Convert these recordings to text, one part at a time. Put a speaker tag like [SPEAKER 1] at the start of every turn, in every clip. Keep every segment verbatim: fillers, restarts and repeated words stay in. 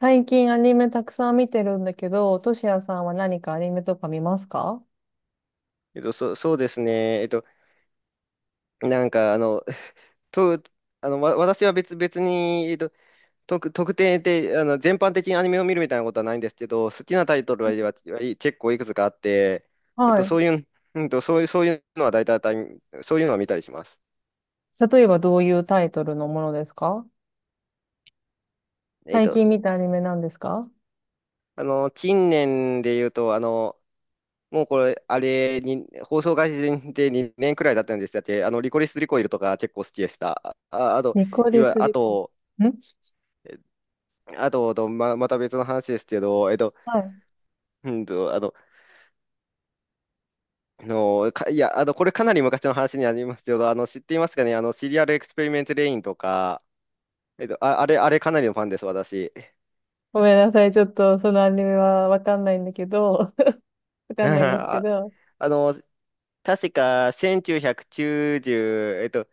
[SPEAKER 1] 最近アニメたくさん見てるんだけど、トシヤさんは何かアニメとか見ますか？
[SPEAKER 2] えっと、そう、そうですね。えっと、なんか、あの、と、あの、わ、私は別、別に、えっと、特、特定で、あの、全般的にアニメを見るみたいなことはないんですけど、好きなタイトルは、ははい、結構いくつかあって、えっ
[SPEAKER 1] は
[SPEAKER 2] と、そ
[SPEAKER 1] い。
[SPEAKER 2] ういう、うんと、そういう、そういうのは大体、そういうのは見たりします。
[SPEAKER 1] 例えばどういうタイトルのものですか？
[SPEAKER 2] えっ
[SPEAKER 1] 最
[SPEAKER 2] と、
[SPEAKER 1] 近見たアニメなんですか？
[SPEAKER 2] あの、近年で言うと、あの、もうこれ、あれに、放送開始でにねんくらいだったんですだって、あの、リコリス・リコイルとか結構好きでした。あ、あと、
[SPEAKER 1] ニコ
[SPEAKER 2] い
[SPEAKER 1] リス
[SPEAKER 2] わ、あ
[SPEAKER 1] リ
[SPEAKER 2] と、
[SPEAKER 1] ん。
[SPEAKER 2] あと、とま、また別の話ですけど、えっと、
[SPEAKER 1] はい。
[SPEAKER 2] うんと、あの、あの、か、いや、あの、これかなり昔の話になりますけど、あの、知っていますかね、あの、シリアルエクスペリメントレインとか、えっと、あ、あれ、あれかなりのファンです、私。
[SPEAKER 1] ごめんなさい。ちょっとそのアニメはわかんないんだけど、わ かんないんですけ
[SPEAKER 2] あ、
[SPEAKER 1] ど。
[SPEAKER 2] あの、確かせんきゅうひゃくきゅうじゅう、えっと、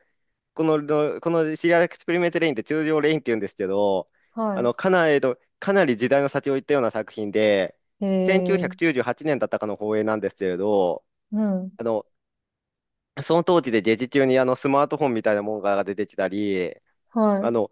[SPEAKER 2] この、のこのシリアルエクスペリメントレインって通常レインって言うんですけど、あ
[SPEAKER 1] は
[SPEAKER 2] の、かなり、えっと、かなり時代の先を行ったような作品で、
[SPEAKER 1] い。えー、
[SPEAKER 2] せんきゅうひゃくきゅうじゅうはちねんだったかの放映なんですけれど、
[SPEAKER 1] うん。
[SPEAKER 2] あのその当時でデジ中にあのスマートフォンみたいなものが出てきたり、
[SPEAKER 1] は
[SPEAKER 2] あの、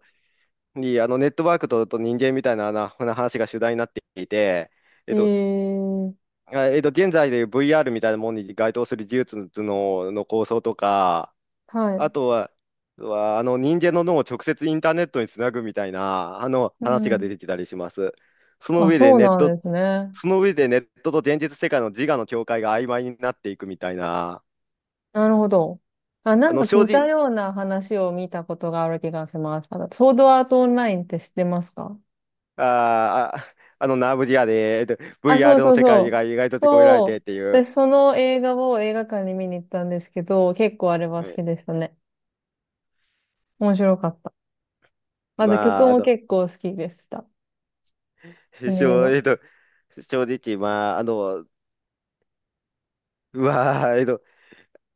[SPEAKER 2] にあのネットワークと、と人間みたいな、なな話が主題になっていて、え
[SPEAKER 1] い。
[SPEAKER 2] っ
[SPEAKER 1] え
[SPEAKER 2] と、
[SPEAKER 1] ー、
[SPEAKER 2] あえっと、現在でいう ブイアール みたいなものに該当する技術の、の構想とか、
[SPEAKER 1] はい。
[SPEAKER 2] あとは、はあの人間の脳を直接インターネットにつなぐみたいなあの
[SPEAKER 1] う
[SPEAKER 2] 話が
[SPEAKER 1] ん。
[SPEAKER 2] 出てきたりします。その
[SPEAKER 1] あ、
[SPEAKER 2] 上で
[SPEAKER 1] そう
[SPEAKER 2] ネッ
[SPEAKER 1] なん
[SPEAKER 2] ト、
[SPEAKER 1] ですね。
[SPEAKER 2] その上でネットと現実世界の自我の境界が曖昧になっていくみたいな、
[SPEAKER 1] なるほど。あ、な
[SPEAKER 2] あ
[SPEAKER 1] ん
[SPEAKER 2] の
[SPEAKER 1] か
[SPEAKER 2] 正
[SPEAKER 1] 似た
[SPEAKER 2] 直、
[SPEAKER 1] ような話を見たことがある気がします。あのソードアートオンラインって知ってますか？
[SPEAKER 2] あーあ、あの、ナーブリアで、えっと
[SPEAKER 1] あ、そう
[SPEAKER 2] ブイアール の
[SPEAKER 1] そう
[SPEAKER 2] 世
[SPEAKER 1] そ
[SPEAKER 2] 界
[SPEAKER 1] う。
[SPEAKER 2] が意外と閉じ込められて
[SPEAKER 1] そ
[SPEAKER 2] っ
[SPEAKER 1] う。
[SPEAKER 2] てい
[SPEAKER 1] で、
[SPEAKER 2] う、
[SPEAKER 1] その映画を映画館に見に行ったんですけど、結構あれは
[SPEAKER 2] う
[SPEAKER 1] 好
[SPEAKER 2] ん
[SPEAKER 1] きでしたね。面白かった。あと曲
[SPEAKER 2] まあ、あ
[SPEAKER 1] も
[SPEAKER 2] の、
[SPEAKER 1] 結構好きでした。アニメ
[SPEAKER 2] 正、
[SPEAKER 1] の。
[SPEAKER 2] えっと、正直、まあ、あの、うわー、えっと、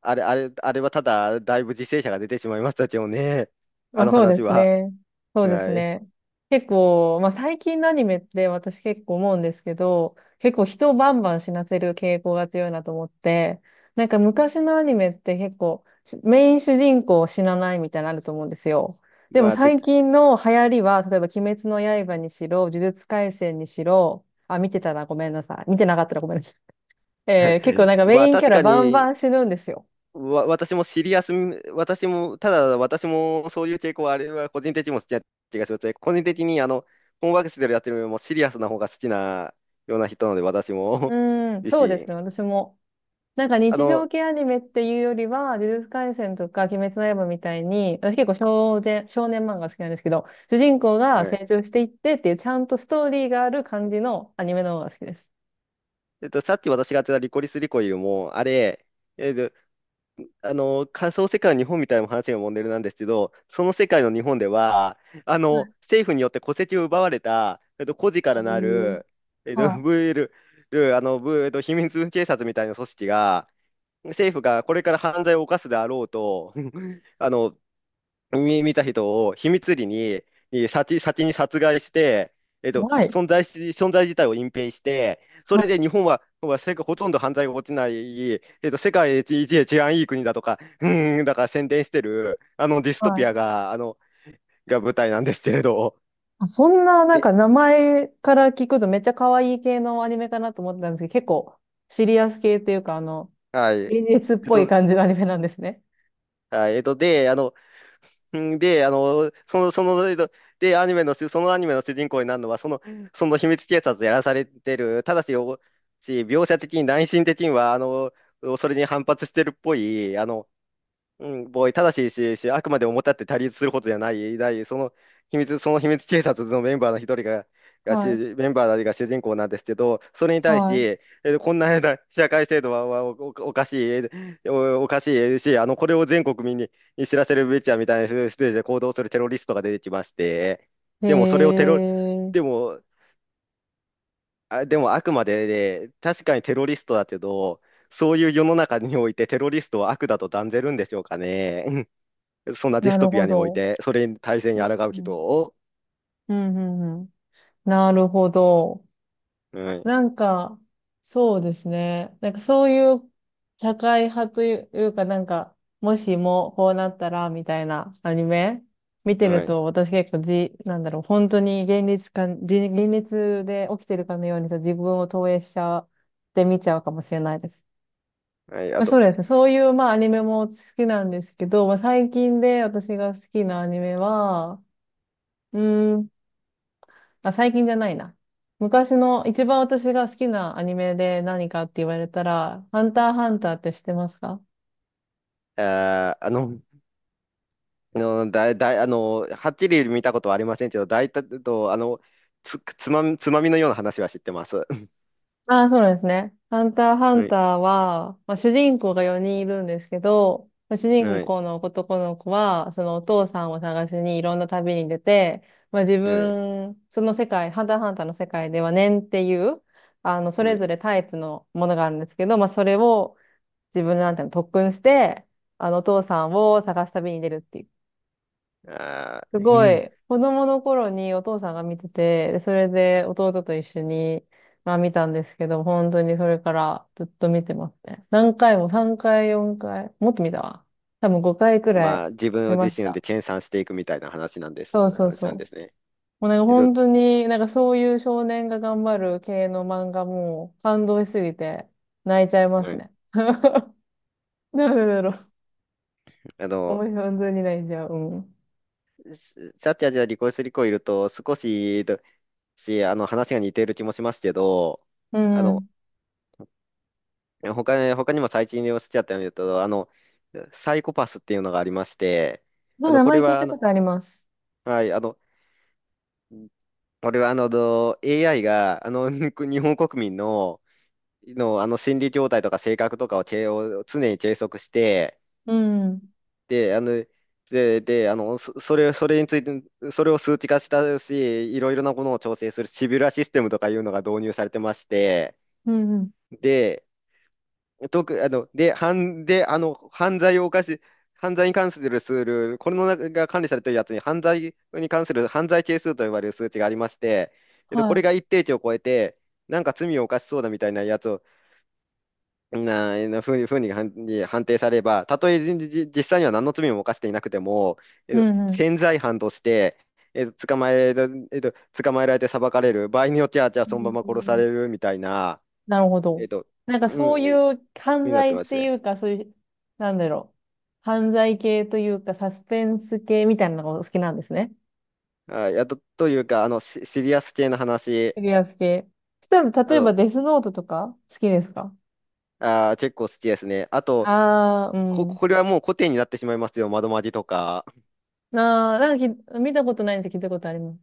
[SPEAKER 2] あれ、あれ、あれはただ、だいぶ犠牲者が出てしまいましたけどね、
[SPEAKER 1] ま
[SPEAKER 2] あ
[SPEAKER 1] あ
[SPEAKER 2] の
[SPEAKER 1] そうで
[SPEAKER 2] 話
[SPEAKER 1] す
[SPEAKER 2] は。
[SPEAKER 1] ね。そうです
[SPEAKER 2] はい。
[SPEAKER 1] ね。結構、まあ最近のアニメって私結構思うんですけど、結構人をバンバン死なせる傾向が強いなと思って、なんか昔のアニメって結構しメイン主人公死なないみたいなのあると思うんですよ。でも
[SPEAKER 2] まあ、ちょっ
[SPEAKER 1] 最
[SPEAKER 2] と、
[SPEAKER 1] 近の流行りは、例えば鬼滅の刃にしろ、呪術廻戦にしろ、あ、見てたらごめんなさい。見てなかったらごめんなさい。えー結構 なんか
[SPEAKER 2] ま
[SPEAKER 1] メ
[SPEAKER 2] あ、
[SPEAKER 1] インキャ
[SPEAKER 2] 確
[SPEAKER 1] ラ
[SPEAKER 2] か
[SPEAKER 1] バン
[SPEAKER 2] に、
[SPEAKER 1] バン死ぬんですよ。
[SPEAKER 2] わ、私もシリアス私も、ただ私もそういう傾向はあれは個人的にも好きな気がしますね。個人的にあの、本ワークスでやってるよりもシリアスな方が好きなような人なので、私
[SPEAKER 1] う
[SPEAKER 2] も
[SPEAKER 1] ー ん、
[SPEAKER 2] 自
[SPEAKER 1] そうです
[SPEAKER 2] 身。
[SPEAKER 1] ね。私も。なんか
[SPEAKER 2] あ
[SPEAKER 1] 日
[SPEAKER 2] の、
[SPEAKER 1] 常系アニメっていうよりは、呪術廻戦とか鬼滅の刃みたいに、私結構少年、少年漫画好きなんですけど、主人公が
[SPEAKER 2] はい。
[SPEAKER 1] 成長していってっていうちゃんとストーリーがある感じのアニメの方が好きです。
[SPEAKER 2] えっと、さっき私がやってたリコリスリコイルも、あれ、えっと、あの、仮想世界の日本みたいな話がモデルなんですけど、その世界の日本では、あ
[SPEAKER 1] は
[SPEAKER 2] の、
[SPEAKER 1] い。
[SPEAKER 2] 政府によって戸籍を奪われた、えっと、孤児か
[SPEAKER 1] え
[SPEAKER 2] らな
[SPEAKER 1] ー、
[SPEAKER 2] る、えっ
[SPEAKER 1] は
[SPEAKER 2] と、
[SPEAKER 1] い。は
[SPEAKER 2] VL、あの、ブえっと、秘密警察みたいな組織が、政府がこれから犯罪を犯すであろうと、あの、見見た人を秘密裏に、えー先、先に殺害して、えっと、
[SPEAKER 1] い。
[SPEAKER 2] 存在し、存在自体を隠蔽して、そ
[SPEAKER 1] は
[SPEAKER 2] れで
[SPEAKER 1] い。
[SPEAKER 2] 日本は、は世界ほとんど犯罪が起きない、えっと、世界一、一治安いい国だとか、うーん、だから宣伝してる、あのディス
[SPEAKER 1] は
[SPEAKER 2] トピ
[SPEAKER 1] い。
[SPEAKER 2] アが、あの、が舞台なんですけれど、
[SPEAKER 1] あ、そんななん
[SPEAKER 2] で、
[SPEAKER 1] か名前から聞くとめっちゃ可愛い系のアニメかなと思ってたんですけど、結構シリアス系っていうか、あの、
[SPEAKER 2] はい。え
[SPEAKER 1] 現実っ
[SPEAKER 2] っ
[SPEAKER 1] ぽい
[SPEAKER 2] と、
[SPEAKER 1] 感じのアニメなんですね。
[SPEAKER 2] はい、えっと、で、あの、んで、あの、その、その、えっとで、アニメの主、そのアニメの主人公になるのは、その、その秘密警察やらされてる、ただし、おし描写的に、内心的には、あの、それに反発してるっぽい、あの、うん、ボーイ、ただし、し、し、あくまで表立って対立することじゃない、だい、その秘密、その秘密警察のメンバーの一人が、がし、
[SPEAKER 1] はい。
[SPEAKER 2] メンバーたちが主人公なんですけど、それに対し、
[SPEAKER 1] は
[SPEAKER 2] えーこんな社会制度ははお、お、おかしい、えーお、おかしいし、あの、これを全国民にに知らせるべきやみたいなステージで行動するテロリストが出てきまして、
[SPEAKER 1] い。へ
[SPEAKER 2] でもそれをテロ、
[SPEAKER 1] え、
[SPEAKER 2] でも、あ、でもあくまで、ね、確かにテロリストだけど、そういう世の中においてテロリストは悪だと断ぜるんでしょうかね。そんなディス
[SPEAKER 1] な
[SPEAKER 2] ト
[SPEAKER 1] る
[SPEAKER 2] ピア
[SPEAKER 1] ほ
[SPEAKER 2] におい
[SPEAKER 1] ど。
[SPEAKER 2] て、それに体制に抗う
[SPEAKER 1] う
[SPEAKER 2] 人
[SPEAKER 1] ん
[SPEAKER 2] を、
[SPEAKER 1] うんうんうん。なるほど。
[SPEAKER 2] はい、
[SPEAKER 1] なんか、そうですね。なんかそういう社会派というか、なんか、もしもこうなったら、みたいなアニメ見て
[SPEAKER 2] は
[SPEAKER 1] る
[SPEAKER 2] い、
[SPEAKER 1] と、私結構じ、なんだろう、本当に現実か、じ現実で起きてるかのようにさ、自分を投影しちゃって見ちゃうかもしれないです。
[SPEAKER 2] はい、あ
[SPEAKER 1] まあ、そ
[SPEAKER 2] と、
[SPEAKER 1] うですね。そういう、まあ、アニメも好きなんですけど、まあ、最近で私が好きなアニメは、うーん。あ、最近じゃないな。昔の一番私が好きなアニメで何かって言われたら、ハンターハンターって知ってますか？
[SPEAKER 2] あー、あの、あの、だい、だい、あの、はっきり見たことはありませんけど、大体と、あの、つ、つまみ、つまみのような話は知ってます。
[SPEAKER 1] ああ、そうなんですね。ハンターハン
[SPEAKER 2] はい、
[SPEAKER 1] ターは、まあ、主人公がよにんいるんですけど、まあ主人
[SPEAKER 2] はい、
[SPEAKER 1] 公の男の子は、そのお父さんを探しにいろんな旅に出て、まあ、自
[SPEAKER 2] はい、
[SPEAKER 1] 分、その世界、ハンターハンターの世界では念っていう、あの、そ
[SPEAKER 2] は
[SPEAKER 1] れ
[SPEAKER 2] い。
[SPEAKER 1] ぞれタイプのものがあるんですけど、まあ、それを自分なんていうの特訓して、あの、お父さんを探す旅に出るっていう
[SPEAKER 2] あ
[SPEAKER 1] す
[SPEAKER 2] ー、う
[SPEAKER 1] ご
[SPEAKER 2] ん。
[SPEAKER 1] い、子供の頃にお父さんが見てて、でそれで弟と一緒に、まあ見たんですけど、本当にそれからずっと見てますね。何回も、さんかい、よんかい、もっと見たわ。多分ごかいくら
[SPEAKER 2] ま
[SPEAKER 1] い
[SPEAKER 2] あ、自分
[SPEAKER 1] 見
[SPEAKER 2] を
[SPEAKER 1] ま
[SPEAKER 2] 自
[SPEAKER 1] し
[SPEAKER 2] 身で
[SPEAKER 1] た。
[SPEAKER 2] 研鑽していくみたいな話なんです、
[SPEAKER 1] そうそう
[SPEAKER 2] 話
[SPEAKER 1] そう。
[SPEAKER 2] なんですね。
[SPEAKER 1] もうなんか
[SPEAKER 2] けど、
[SPEAKER 1] 本当に、なんかそういう少年が頑張る系の漫画も感動しすぎて泣いちゃいま
[SPEAKER 2] は
[SPEAKER 1] す
[SPEAKER 2] い、
[SPEAKER 1] ね。なんでだろう。
[SPEAKER 2] あの、
[SPEAKER 1] 思い本当に泣いちゃう。うん。
[SPEAKER 2] シャッきーじゃリ離婚する子いると、少し、し、あの、話が似ている気もしますけど、
[SPEAKER 1] う
[SPEAKER 2] あ
[SPEAKER 1] んう
[SPEAKER 2] の、
[SPEAKER 1] ん。
[SPEAKER 2] え、他に、他にも最近でおっしゃったように言うと、あの、サイコパスっていうのがありまして、
[SPEAKER 1] そ
[SPEAKER 2] あ
[SPEAKER 1] う、
[SPEAKER 2] の、
[SPEAKER 1] 名
[SPEAKER 2] こ
[SPEAKER 1] 前
[SPEAKER 2] れ
[SPEAKER 1] 聞い
[SPEAKER 2] は、
[SPEAKER 1] た
[SPEAKER 2] あ
[SPEAKER 1] こ
[SPEAKER 2] の、
[SPEAKER 1] とあります。
[SPEAKER 2] はい、あの、これは、あの、ど エーアイ が、あの、日本国民の、の、あの、心理状態とか性格とかを、チェを常に計測して、
[SPEAKER 1] うん。
[SPEAKER 2] で、あの、で、で、あの、そそれ、それについて、それを数値化したし、いろいろなものを調整するシビュラシステムとかいうのが導入されてまして、
[SPEAKER 1] うんうん。
[SPEAKER 2] で、特、あの、で、犯、で、あの、犯罪を犯し、犯罪に関する数ル、これの中が管理されているやつに、犯罪に関する犯罪係数と呼ばれる数値がありまして、えっと、
[SPEAKER 1] は
[SPEAKER 2] これ
[SPEAKER 1] い。
[SPEAKER 2] が一定値を超えて、なんか罪を犯しそうだみたいなやつを、な、なふうふうに判、に判定されれば、たとえじじ実際には何の罪も犯していなくても、え
[SPEAKER 1] う
[SPEAKER 2] っと、
[SPEAKER 1] んうん。
[SPEAKER 2] 潜在犯として、えっと、捕まえ、えっと、捕まえられて裁かれる、場合によっては、じゃあ
[SPEAKER 1] う
[SPEAKER 2] そのまま殺さ
[SPEAKER 1] ん、
[SPEAKER 2] れるみたいな、
[SPEAKER 1] なるほ
[SPEAKER 2] えっ
[SPEAKER 1] ど。
[SPEAKER 2] と、
[SPEAKER 1] なんか
[SPEAKER 2] う
[SPEAKER 1] そ
[SPEAKER 2] ん、
[SPEAKER 1] ういう
[SPEAKER 2] ふう
[SPEAKER 1] 犯
[SPEAKER 2] になって
[SPEAKER 1] 罪
[SPEAKER 2] ま
[SPEAKER 1] っ
[SPEAKER 2] す。
[SPEAKER 1] ていうか、そういう、なんだろう。犯罪系というか、サスペンス系みたいなのがお好きなんですね。
[SPEAKER 2] あいや、あと、というか、あの、シシリアス系の話、
[SPEAKER 1] シリアス系。そしたら、
[SPEAKER 2] あ
[SPEAKER 1] 例え
[SPEAKER 2] の、
[SPEAKER 1] ばデスノートとか好きですか？
[SPEAKER 2] あー、結構好きですね。あと、
[SPEAKER 1] ああー、う
[SPEAKER 2] こ、
[SPEAKER 1] ん。
[SPEAKER 2] これはもう古典になってしまいますよ。窓マジとか。
[SPEAKER 1] ああ、なんかき見たことないんですけど、聞いたことあります。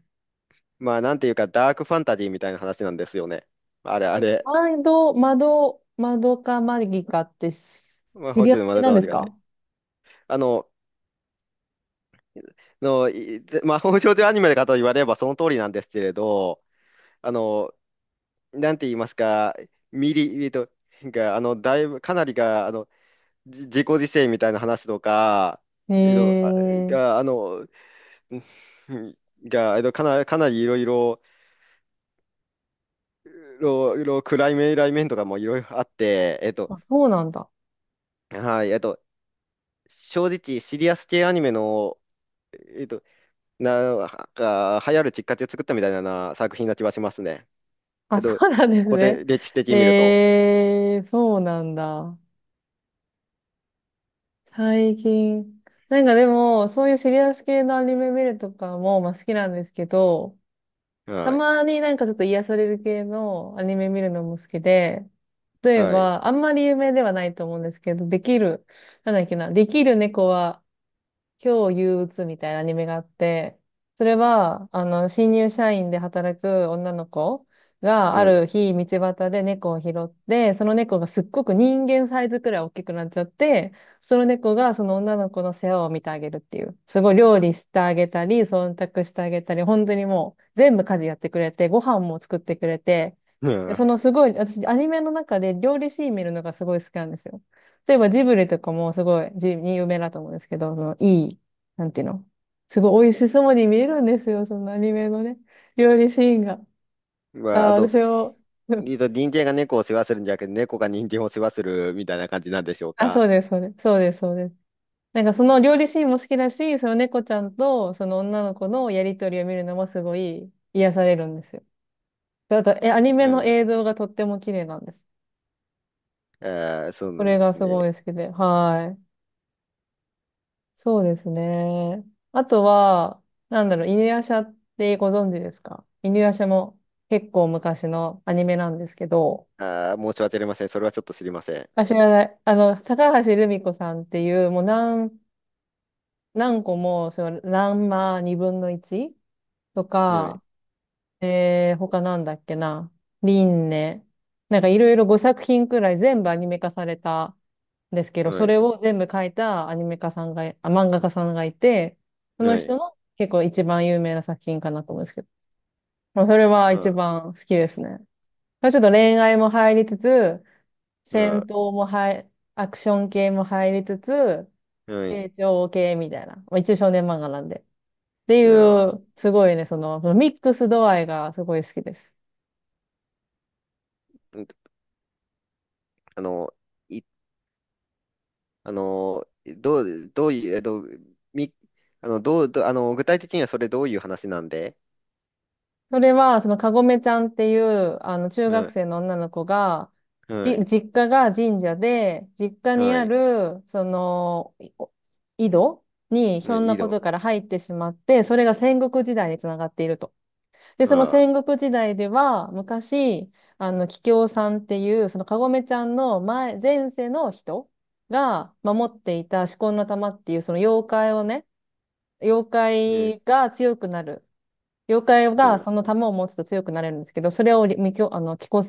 [SPEAKER 2] まあ、なんていうか、ダークファンタジーみたいな話なんですよね。あれ、あ
[SPEAKER 1] え、
[SPEAKER 2] れ。
[SPEAKER 1] 窓、窓、窓かマギかってシ
[SPEAKER 2] 魔
[SPEAKER 1] シ
[SPEAKER 2] 法
[SPEAKER 1] リア
[SPEAKER 2] 少
[SPEAKER 1] ス
[SPEAKER 2] 女
[SPEAKER 1] 系
[SPEAKER 2] 窓
[SPEAKER 1] な
[SPEAKER 2] か
[SPEAKER 1] ん
[SPEAKER 2] ま
[SPEAKER 1] で
[SPEAKER 2] り
[SPEAKER 1] す
[SPEAKER 2] がて。
[SPEAKER 1] か？
[SPEAKER 2] あの、の、いで魔法少女アニメかと言われればその通りなんですけれど、あの、なんて言いますか、ミリ、えっと、が、あの、だいぶ、かなりが、あの、じ自己犠牲みたいな話とか、
[SPEAKER 1] へ
[SPEAKER 2] えっと、あ
[SPEAKER 1] え。
[SPEAKER 2] が、あの、が、えっと、かな、かなりいろいろ、いろいろ暗い面、来面とかもいろいろあって、えっと、
[SPEAKER 1] あ、そうなんだ。
[SPEAKER 2] はい、えっと、正直、シリアス系アニメの、えっと、な、が、流行るきっかけを作ったみたいな作品な気はしますね。え
[SPEAKER 1] あ、
[SPEAKER 2] っ
[SPEAKER 1] そ
[SPEAKER 2] と、こ
[SPEAKER 1] うなんです
[SPEAKER 2] こ
[SPEAKER 1] ね。
[SPEAKER 2] で歴史的
[SPEAKER 1] え
[SPEAKER 2] に見ると。
[SPEAKER 1] えーそうなんだ。最近。なんかでも、そういうシリアス系のアニメ見るとかも、まあ、好きなんですけど、た
[SPEAKER 2] はい、
[SPEAKER 1] まになんかちょっと癒される系のアニメ見るのも好きで、例え
[SPEAKER 2] はい、
[SPEAKER 1] ば、あんまり有名ではないと思うんですけど、できる、なんだっけな、できる猫は今日憂鬱みたいなアニメがあって、それは、あの、新入社員で働く女の子が
[SPEAKER 2] う
[SPEAKER 1] あ
[SPEAKER 2] ん。
[SPEAKER 1] る日、道端で猫を拾って、その猫がすっごく人間サイズくらい大きくなっちゃって、その猫がその女の子の世話を見てあげるっていう。すごい料理してあげたり、忖度してあげたり、本当にもう全部家事やってくれて、ご飯も作ってくれて、
[SPEAKER 2] う
[SPEAKER 1] でそ
[SPEAKER 2] ん
[SPEAKER 1] のすごい、私アニメの中で料理シーン見るのがすごい好きなんですよ。例えばジブリとかもすごいジ有名だと思うんですけど、そのいい、なんていうの、すごい美味しそうに見えるんですよ、そのアニメのね、料理シーンが。あ
[SPEAKER 2] まあ、
[SPEAKER 1] あ、
[SPEAKER 2] あと、
[SPEAKER 1] 私を、うん。
[SPEAKER 2] えっと、人間が猫を世話するんじゃなくて、猫が人間を世話するみたいな感じなんでしょう
[SPEAKER 1] あ、
[SPEAKER 2] か。
[SPEAKER 1] そうです、そうです、そうです、そうです。なんかその料理シーンも好きだし、その猫ちゃんとその女の子のやりとりを見るのもすごい癒されるんですよ。であと、え、アニメ
[SPEAKER 2] う
[SPEAKER 1] の
[SPEAKER 2] ん、
[SPEAKER 1] 映像がとっても綺麗なんです。
[SPEAKER 2] あー、そう
[SPEAKER 1] そ
[SPEAKER 2] なん
[SPEAKER 1] れ
[SPEAKER 2] で
[SPEAKER 1] が
[SPEAKER 2] す
[SPEAKER 1] すごい
[SPEAKER 2] ね。
[SPEAKER 1] 好きで、はい。そうですね。あとは、なんだろう、犬夜叉ってご存知ですか？犬夜叉も結構昔のアニメなんですけど、
[SPEAKER 2] あー、申し訳ありません。それはちょっと知りません。
[SPEAKER 1] あ、知らない。あの、高橋留美子さんっていう、もう何、何個も、その、ランマにぶんのいちと
[SPEAKER 2] ない、
[SPEAKER 1] か、えー、他なんだっけな。リンネ。なんかいろいろごさく品くらい全部アニメ化されたんですけど、
[SPEAKER 2] な
[SPEAKER 1] それ
[SPEAKER 2] い、
[SPEAKER 1] を全部書いたアニメ化さんが、あ、漫画家さんがいて、その
[SPEAKER 2] ない、
[SPEAKER 1] 人の結構一番有名な作品かなと思うんですけど。まあ、それは一
[SPEAKER 2] あ、
[SPEAKER 1] 番好きですね。ちょっと恋愛も入りつつ、戦
[SPEAKER 2] あ、
[SPEAKER 1] 闘も入、アクション系も入りつつ、
[SPEAKER 2] ない、
[SPEAKER 1] 成長系みたいな。まあ、一応少年漫画なんで。ってい
[SPEAKER 2] な、
[SPEAKER 1] う、すごいね、その、その、ミックス度合いがすごい好きです。
[SPEAKER 2] うん、あの、い、あの、どう、どういう、えっと、み、あの、どう、どあの、具体的にはそれどういう話なんで？
[SPEAKER 1] それは、そのかごめちゃんっていう、あの、中学
[SPEAKER 2] は
[SPEAKER 1] 生の女の子が、
[SPEAKER 2] い、は
[SPEAKER 1] じ
[SPEAKER 2] い、
[SPEAKER 1] 実家が神社で、実家に
[SPEAKER 2] は
[SPEAKER 1] あ
[SPEAKER 2] い、
[SPEAKER 1] る、その、いお井戸にひ
[SPEAKER 2] ね、
[SPEAKER 1] ょん
[SPEAKER 2] い
[SPEAKER 1] な
[SPEAKER 2] い
[SPEAKER 1] こ
[SPEAKER 2] の、
[SPEAKER 1] とから入ってしまって、それが戦国時代につながっていると。で、その
[SPEAKER 2] あ、
[SPEAKER 1] 戦国時代では、昔、あの、桔梗さんっていう、そのかごめちゃんの前、前世の人が守っていた四魂の玉っていう、その妖怪をね、妖
[SPEAKER 2] ね、
[SPEAKER 1] 怪が強くなる。妖怪
[SPEAKER 2] は
[SPEAKER 1] が
[SPEAKER 2] い、
[SPEAKER 1] その玉を持つと強くなれるんですけど、それをりみきょ、あの、きこ、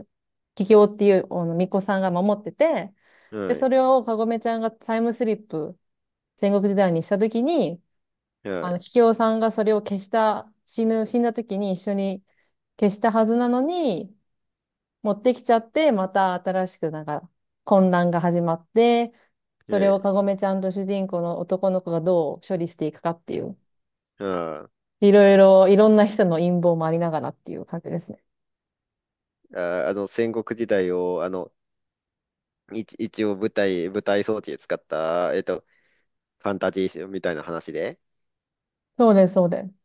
[SPEAKER 1] ききおっていう、あの、巫女さんが守ってて、で、そ
[SPEAKER 2] は
[SPEAKER 1] れをかごめちゃんがタイムスリップ、戦国時代にしたときに、
[SPEAKER 2] い、は
[SPEAKER 1] あ
[SPEAKER 2] い、
[SPEAKER 1] の、ききおさんがそれを消した、死ぬ、死んだときに一緒に消したはずなのに、持ってきちゃって、また新しくなんか混乱が始まって、それ
[SPEAKER 2] ね、
[SPEAKER 1] をかごめちゃんと主人公の男の子がどう処理していくかっていう、
[SPEAKER 2] あ、
[SPEAKER 1] いろいろ、いろんな人の陰謀もありながらっていう感じですね。
[SPEAKER 2] あ、あの、戦国時代を、あの、一、一応舞台、舞台装置で使った、えっと、ファンタジーみたいな話で
[SPEAKER 1] そうです、そうです